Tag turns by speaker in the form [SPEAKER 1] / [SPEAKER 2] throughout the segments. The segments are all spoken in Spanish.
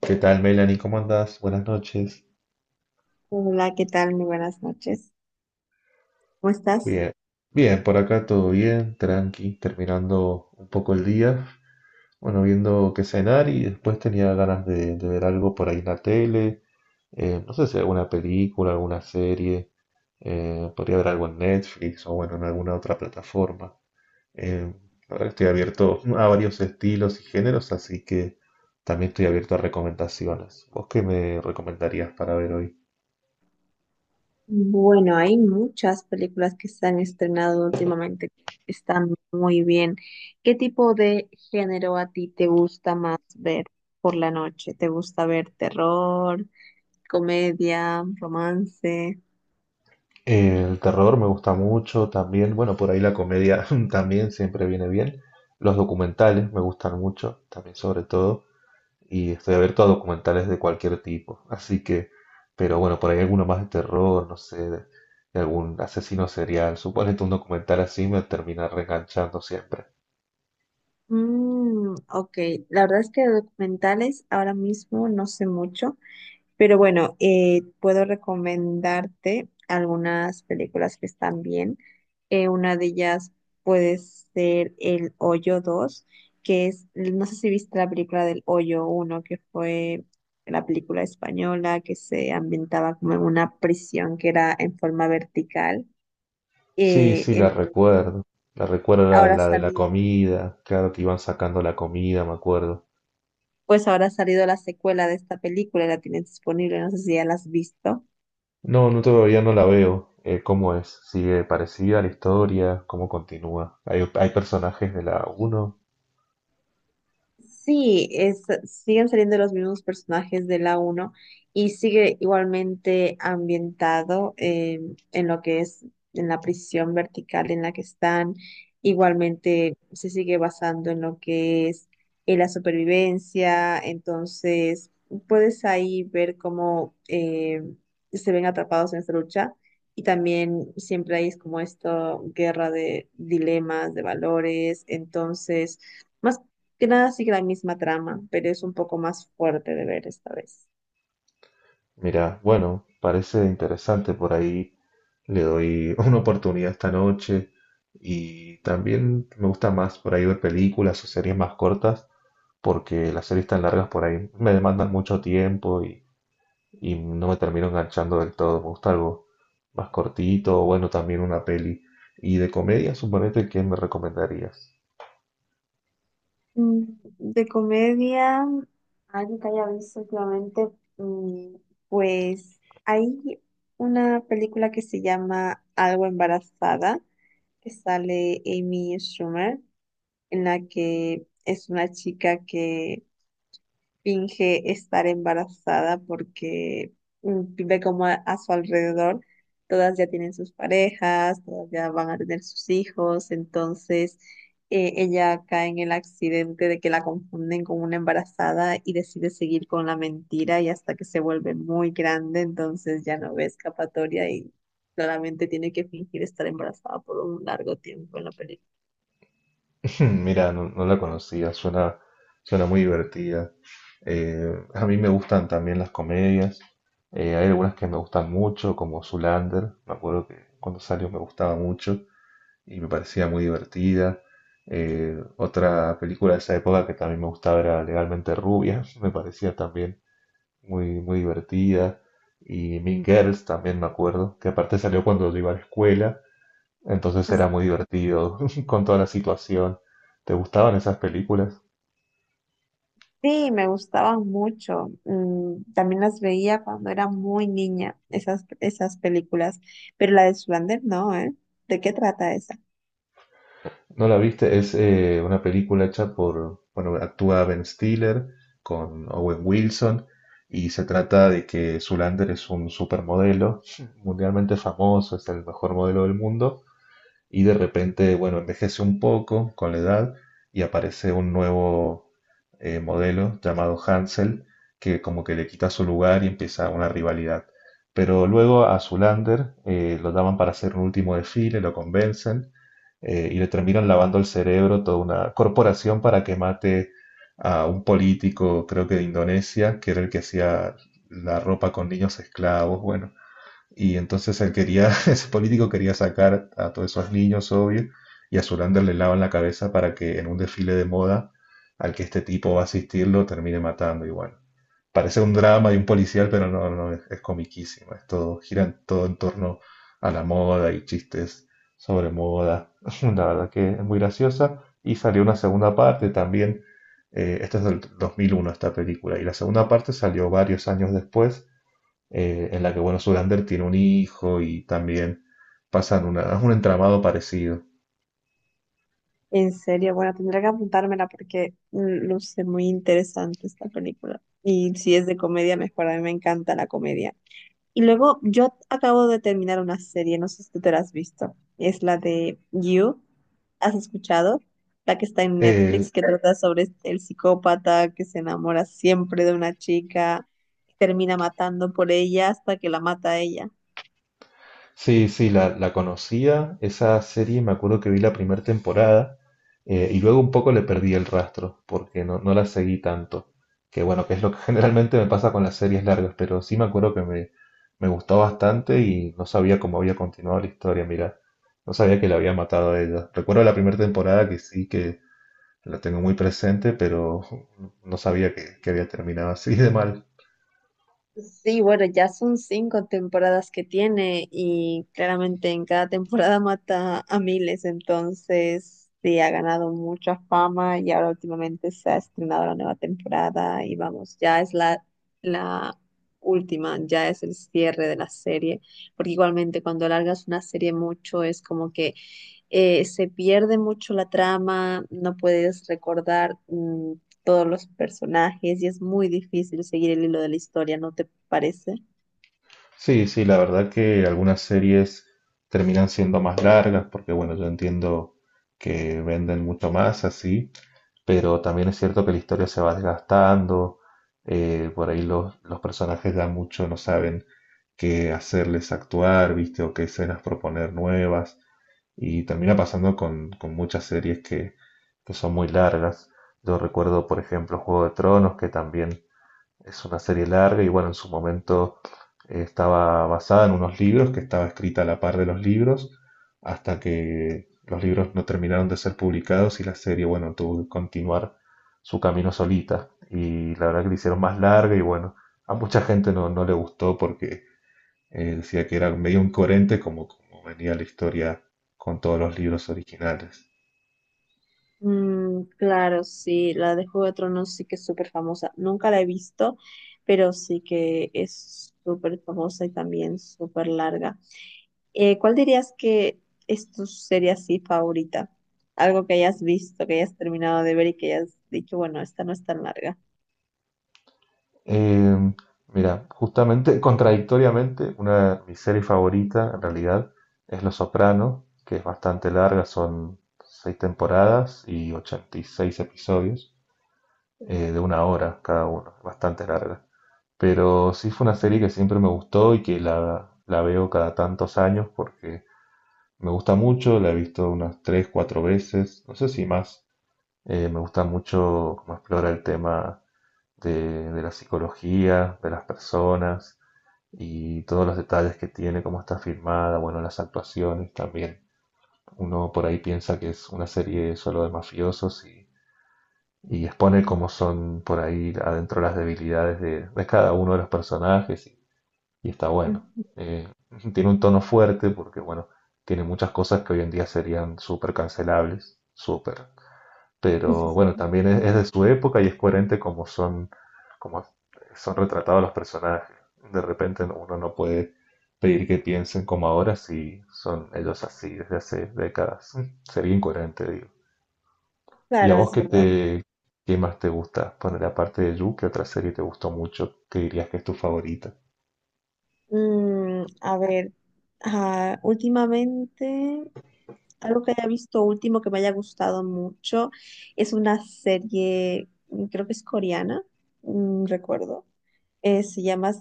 [SPEAKER 1] ¿Qué tal, Melanie? ¿Cómo andás? Buenas noches.
[SPEAKER 2] Hola, ¿qué tal? Muy buenas noches. ¿Cómo estás?
[SPEAKER 1] Bien, bien, por acá todo bien, tranqui, terminando un poco el día. Bueno, viendo qué cenar y después tenía ganas de ver algo por ahí en la tele. No sé si alguna película, alguna serie. Podría ver algo en Netflix o bueno, en alguna otra plataforma. Eh, la verdad que estoy abierto a varios estilos y géneros, así que también estoy abierto a recomendaciones. ¿Vos qué me recomendarías para ver hoy?
[SPEAKER 2] Bueno, hay muchas películas que se han estrenado últimamente que están muy bien. ¿Qué tipo de género a ti te gusta más ver por la noche? ¿Te gusta ver terror, comedia, romance?
[SPEAKER 1] El terror me gusta mucho también, bueno, por ahí la comedia también siempre viene bien. Los documentales me gustan mucho, también sobre todo, y estoy abierto a documentales de cualquier tipo. Así que, pero bueno, por ahí alguno más de terror, no sé, de algún asesino serial. Suponete un documental así me termina reenganchando siempre.
[SPEAKER 2] Mm, ok, la verdad es que de documentales ahora mismo no sé mucho. Pero bueno, puedo recomendarte algunas películas que están bien. Una de ellas puede ser El Hoyo dos que es, no sé si viste la película del Hoyo uno que fue la película española que se ambientaba como en una prisión que era en forma vertical.
[SPEAKER 1] Sí,
[SPEAKER 2] Eh,
[SPEAKER 1] sí, la
[SPEAKER 2] entonces,
[SPEAKER 1] recuerdo. La recuerdo la,
[SPEAKER 2] ahora ha
[SPEAKER 1] la de la
[SPEAKER 2] salido,
[SPEAKER 1] comida, claro que iban sacando la comida, me acuerdo.
[SPEAKER 2] pues ahora ha salido la secuela de esta película, la tienes disponible, no sé si ya la has visto.
[SPEAKER 1] No, no todavía no la veo. ¿Cómo es? ¿Sigue parecida a la historia? ¿Cómo continúa? ¿Hay personajes de la uno?
[SPEAKER 2] Sí, es, siguen saliendo los mismos personajes de la uno y sigue igualmente ambientado en lo que es en la prisión vertical en la que están. Igualmente se sigue basando en lo que es en la supervivencia. Entonces, puedes ahí ver cómo se ven atrapados en esta lucha. Y también siempre hay como esto, guerra de dilemas, de valores. Entonces... más Casi la misma trama, pero es un poco más fuerte de ver esta vez.
[SPEAKER 1] Mira, bueno, parece interesante por ahí. Le doy una oportunidad esta noche. Y también me gusta más por ahí ver películas o series más cortas, porque las series tan largas por ahí me demandan mucho tiempo y no me termino enganchando del todo. Me gusta algo más cortito, o bueno, también una peli. Y de comedia, suponete, ¿qué me recomendarías?
[SPEAKER 2] Mm, De comedia, algo que haya visto últimamente, mm, pues hay una película que se llama Algo embarazada, que sale Amy Schumer, en la que es una chica que finge estar embarazada porque ve como a su alrededor todas ya tienen sus parejas, todas ya van a tener sus hijos, entonces ella cae en el accidente de que la confunden con una embarazada y decide seguir con la mentira y hasta que se vuelve muy grande, entonces ya no ve escapatoria y claramente tiene que fingir estar embarazada por un largo tiempo en la película.
[SPEAKER 1] Mira, no, no la conocía, suena, suena muy divertida. A mí me gustan también las comedias. Hay algunas que me gustan mucho, como Zoolander. Me acuerdo que cuando salió me gustaba mucho y me parecía muy divertida. Otra película de esa época que también me gustaba era Legalmente Rubia. Me parecía también muy, muy divertida. Y Mean Girls también me acuerdo, que aparte salió cuando yo iba a la escuela. Entonces era muy divertido con toda la situación. ¿Te gustaban esas películas?
[SPEAKER 2] Sí, me gustaban mucho. Mm, también las veía cuando era muy niña, esas películas. Pero la de Zoolander no, ¿eh? ¿De qué trata esa?
[SPEAKER 1] ¿No la viste? Es una película hecha por, bueno, actúa Ben Stiller con Owen Wilson y se trata de que Zoolander es un supermodelo mundialmente famoso, es el mejor modelo del mundo y de repente, bueno, envejece un poco con la edad y aparece un nuevo modelo llamado Hansel que como que le quita su lugar y empieza una rivalidad. Pero luego a Zulander lo llaman para hacer un último desfile, lo convencen y le terminan lavando el cerebro toda una corporación para que mate a un político, creo que de Indonesia, que era el que hacía la ropa con niños esclavos. Bueno, y entonces él quería, ese político quería sacar a todos esos niños, obvio, y a Zoolander le lavan la cabeza para que en un desfile de moda al que este tipo va a asistir lo termine matando. Y bueno, parece un drama de un policial, pero no, no, es comiquísimo. Es todo, todo en torno a la moda y chistes sobre moda. La verdad que es muy graciosa. Y salió una segunda parte también. Esta es del 2001, esta película. Y la segunda parte salió varios años después en la que, bueno, Zoolander tiene un hijo y también pasan una, un entramado parecido.
[SPEAKER 2] En serio, bueno, tendré que apuntármela porque luce muy interesante esta película. Y si es de comedia, mejor. A mí me encanta la comedia. Y luego yo acabo de terminar una serie, no sé si tú te la has visto. Es la de You. ¿Has escuchado? La que está en
[SPEAKER 1] Eh,
[SPEAKER 2] Netflix, que trata sobre el psicópata que se enamora siempre de una chica, termina matando por ella hasta que la mata a ella.
[SPEAKER 1] sí, sí, la conocía, esa serie, me acuerdo que vi la primera temporada y luego un poco le perdí el rastro porque no, no la seguí tanto. Que bueno, que es lo que generalmente me pasa con las series largas, pero sí me acuerdo que me gustó bastante y no sabía cómo había continuado la historia, mira, no sabía que la había matado a ella. Recuerdo la primera temporada que sí, que la tengo muy presente, pero no sabía que había terminado así de mal.
[SPEAKER 2] Sí, bueno, ya son 5 temporadas que tiene y claramente en cada temporada mata a miles, entonces sí, ha ganado mucha fama y ahora últimamente se ha estrenado la nueva temporada y vamos, ya es la última, ya es el cierre de la serie, porque igualmente cuando alargas una serie mucho es como que se pierde mucho la trama, no puedes recordar todos los personajes y es muy difícil seguir el hilo de la historia, ¿no te parece?
[SPEAKER 1] Sí, sí, la verdad que algunas series terminan siendo más largas porque, bueno, yo entiendo que venden mucho más así, pero también es cierto que la historia se va desgastando, por ahí los personajes ya mucho no saben qué hacerles actuar, ¿viste? O qué escenas proponer nuevas. Y termina pasando con muchas series que son muy largas. Yo recuerdo, por ejemplo, Juego de Tronos, que también es una serie larga y bueno, en su momento estaba basada en unos libros, que estaba escrita a la par de los libros, hasta que los libros no terminaron de ser publicados y la serie, bueno, tuvo que continuar su camino solita. Y la verdad que la hicieron más larga y bueno, a mucha gente no, no le gustó porque decía que era medio incoherente como, como venía la historia con todos los libros originales.
[SPEAKER 2] Mm, claro, sí, la de Juego de Tronos sí que es súper famosa. Nunca la he visto, pero sí que es súper famosa y también súper larga. ¿Cuál dirías que es tu serie así favorita? Algo que hayas visto, que hayas terminado de ver y que hayas dicho, bueno, esta no es tan larga.
[SPEAKER 1] Eh, Mira, justamente, contradictoriamente, una de mis series favoritas en realidad es Los Soprano, que es bastante larga, son seis temporadas y 86 episodios de una hora cada uno, bastante larga. Pero sí fue una serie que siempre me gustó y que la veo cada tantos años porque me gusta mucho, la he visto unas 3 4 veces, no sé si más. Me gusta mucho cómo explora el tema de la psicología, de las personas y todos los detalles que tiene, cómo está filmada, bueno, las actuaciones también. Uno por ahí piensa que es una serie solo de mafiosos y expone cómo son por ahí adentro las debilidades de cada uno de los personajes y está bueno.
[SPEAKER 2] Ujú.
[SPEAKER 1] Eh, Tiene un tono fuerte porque, bueno, tiene muchas cosas que hoy en día serían súper cancelables, súper, pero bueno, también es de su época y es coherente como son retratados los personajes. De repente uno no puede pedir que piensen como ahora si son ellos así desde hace décadas. Sería incoherente, digo. ¿Y a
[SPEAKER 2] Claro,
[SPEAKER 1] vos
[SPEAKER 2] es verdad.
[SPEAKER 1] qué más te gusta? Poner aparte de You, ¿qué otra serie te gustó mucho? ¿Qué dirías que es tu favorita?
[SPEAKER 2] Mm, a ver, últimamente, algo que haya visto último que me haya gustado mucho es una serie, creo que es coreana, recuerdo. Se llama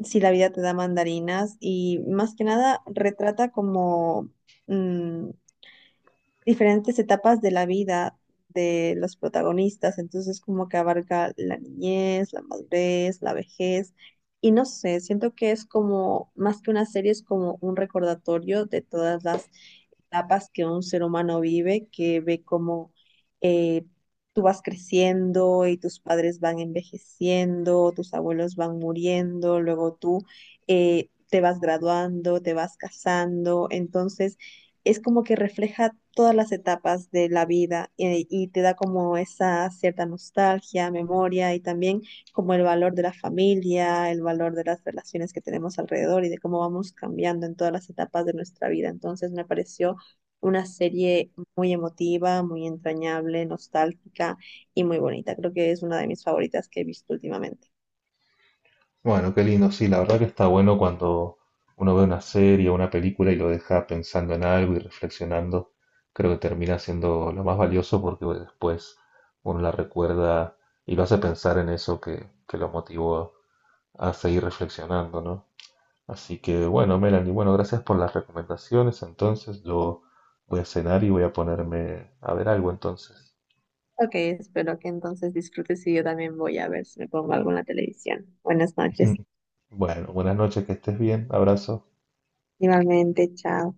[SPEAKER 2] Si la vida te da mandarinas y más que nada retrata como mm, diferentes etapas de la vida de los protagonistas, entonces como que abarca la niñez, la madurez, la vejez, y no sé, siento que es como, más que una serie, es como un recordatorio de todas las etapas que un ser humano vive, que ve como eh, tú vas creciendo y tus padres van envejeciendo, tus abuelos van muriendo, luego tú te vas graduando, te vas casando, entonces es como que refleja todas las etapas de la vida y te da como esa cierta nostalgia, memoria y también como el valor de la familia, el valor de las relaciones que tenemos alrededor y de cómo vamos cambiando en todas las etapas de nuestra vida. Entonces me pareció una serie muy emotiva, muy entrañable, nostálgica y muy bonita. Creo que es una de mis favoritas que he visto últimamente.
[SPEAKER 1] Bueno, qué lindo, sí, la verdad que está bueno cuando uno ve una serie o una película y lo deja pensando en algo y reflexionando. Creo que termina siendo lo más valioso porque bueno, después uno la recuerda y lo hace pensar en eso que lo motivó a seguir reflexionando, ¿no? Así que bueno, Melanie, bueno, gracias por las recomendaciones. Entonces yo voy a cenar y voy a ponerme a ver algo entonces.
[SPEAKER 2] Ok, espero que entonces disfrutes y yo también voy a ver si me pongo algo en la televisión. Buenas noches.
[SPEAKER 1] Bueno, buenas noches, que estés bien, abrazo.
[SPEAKER 2] Igualmente, chao.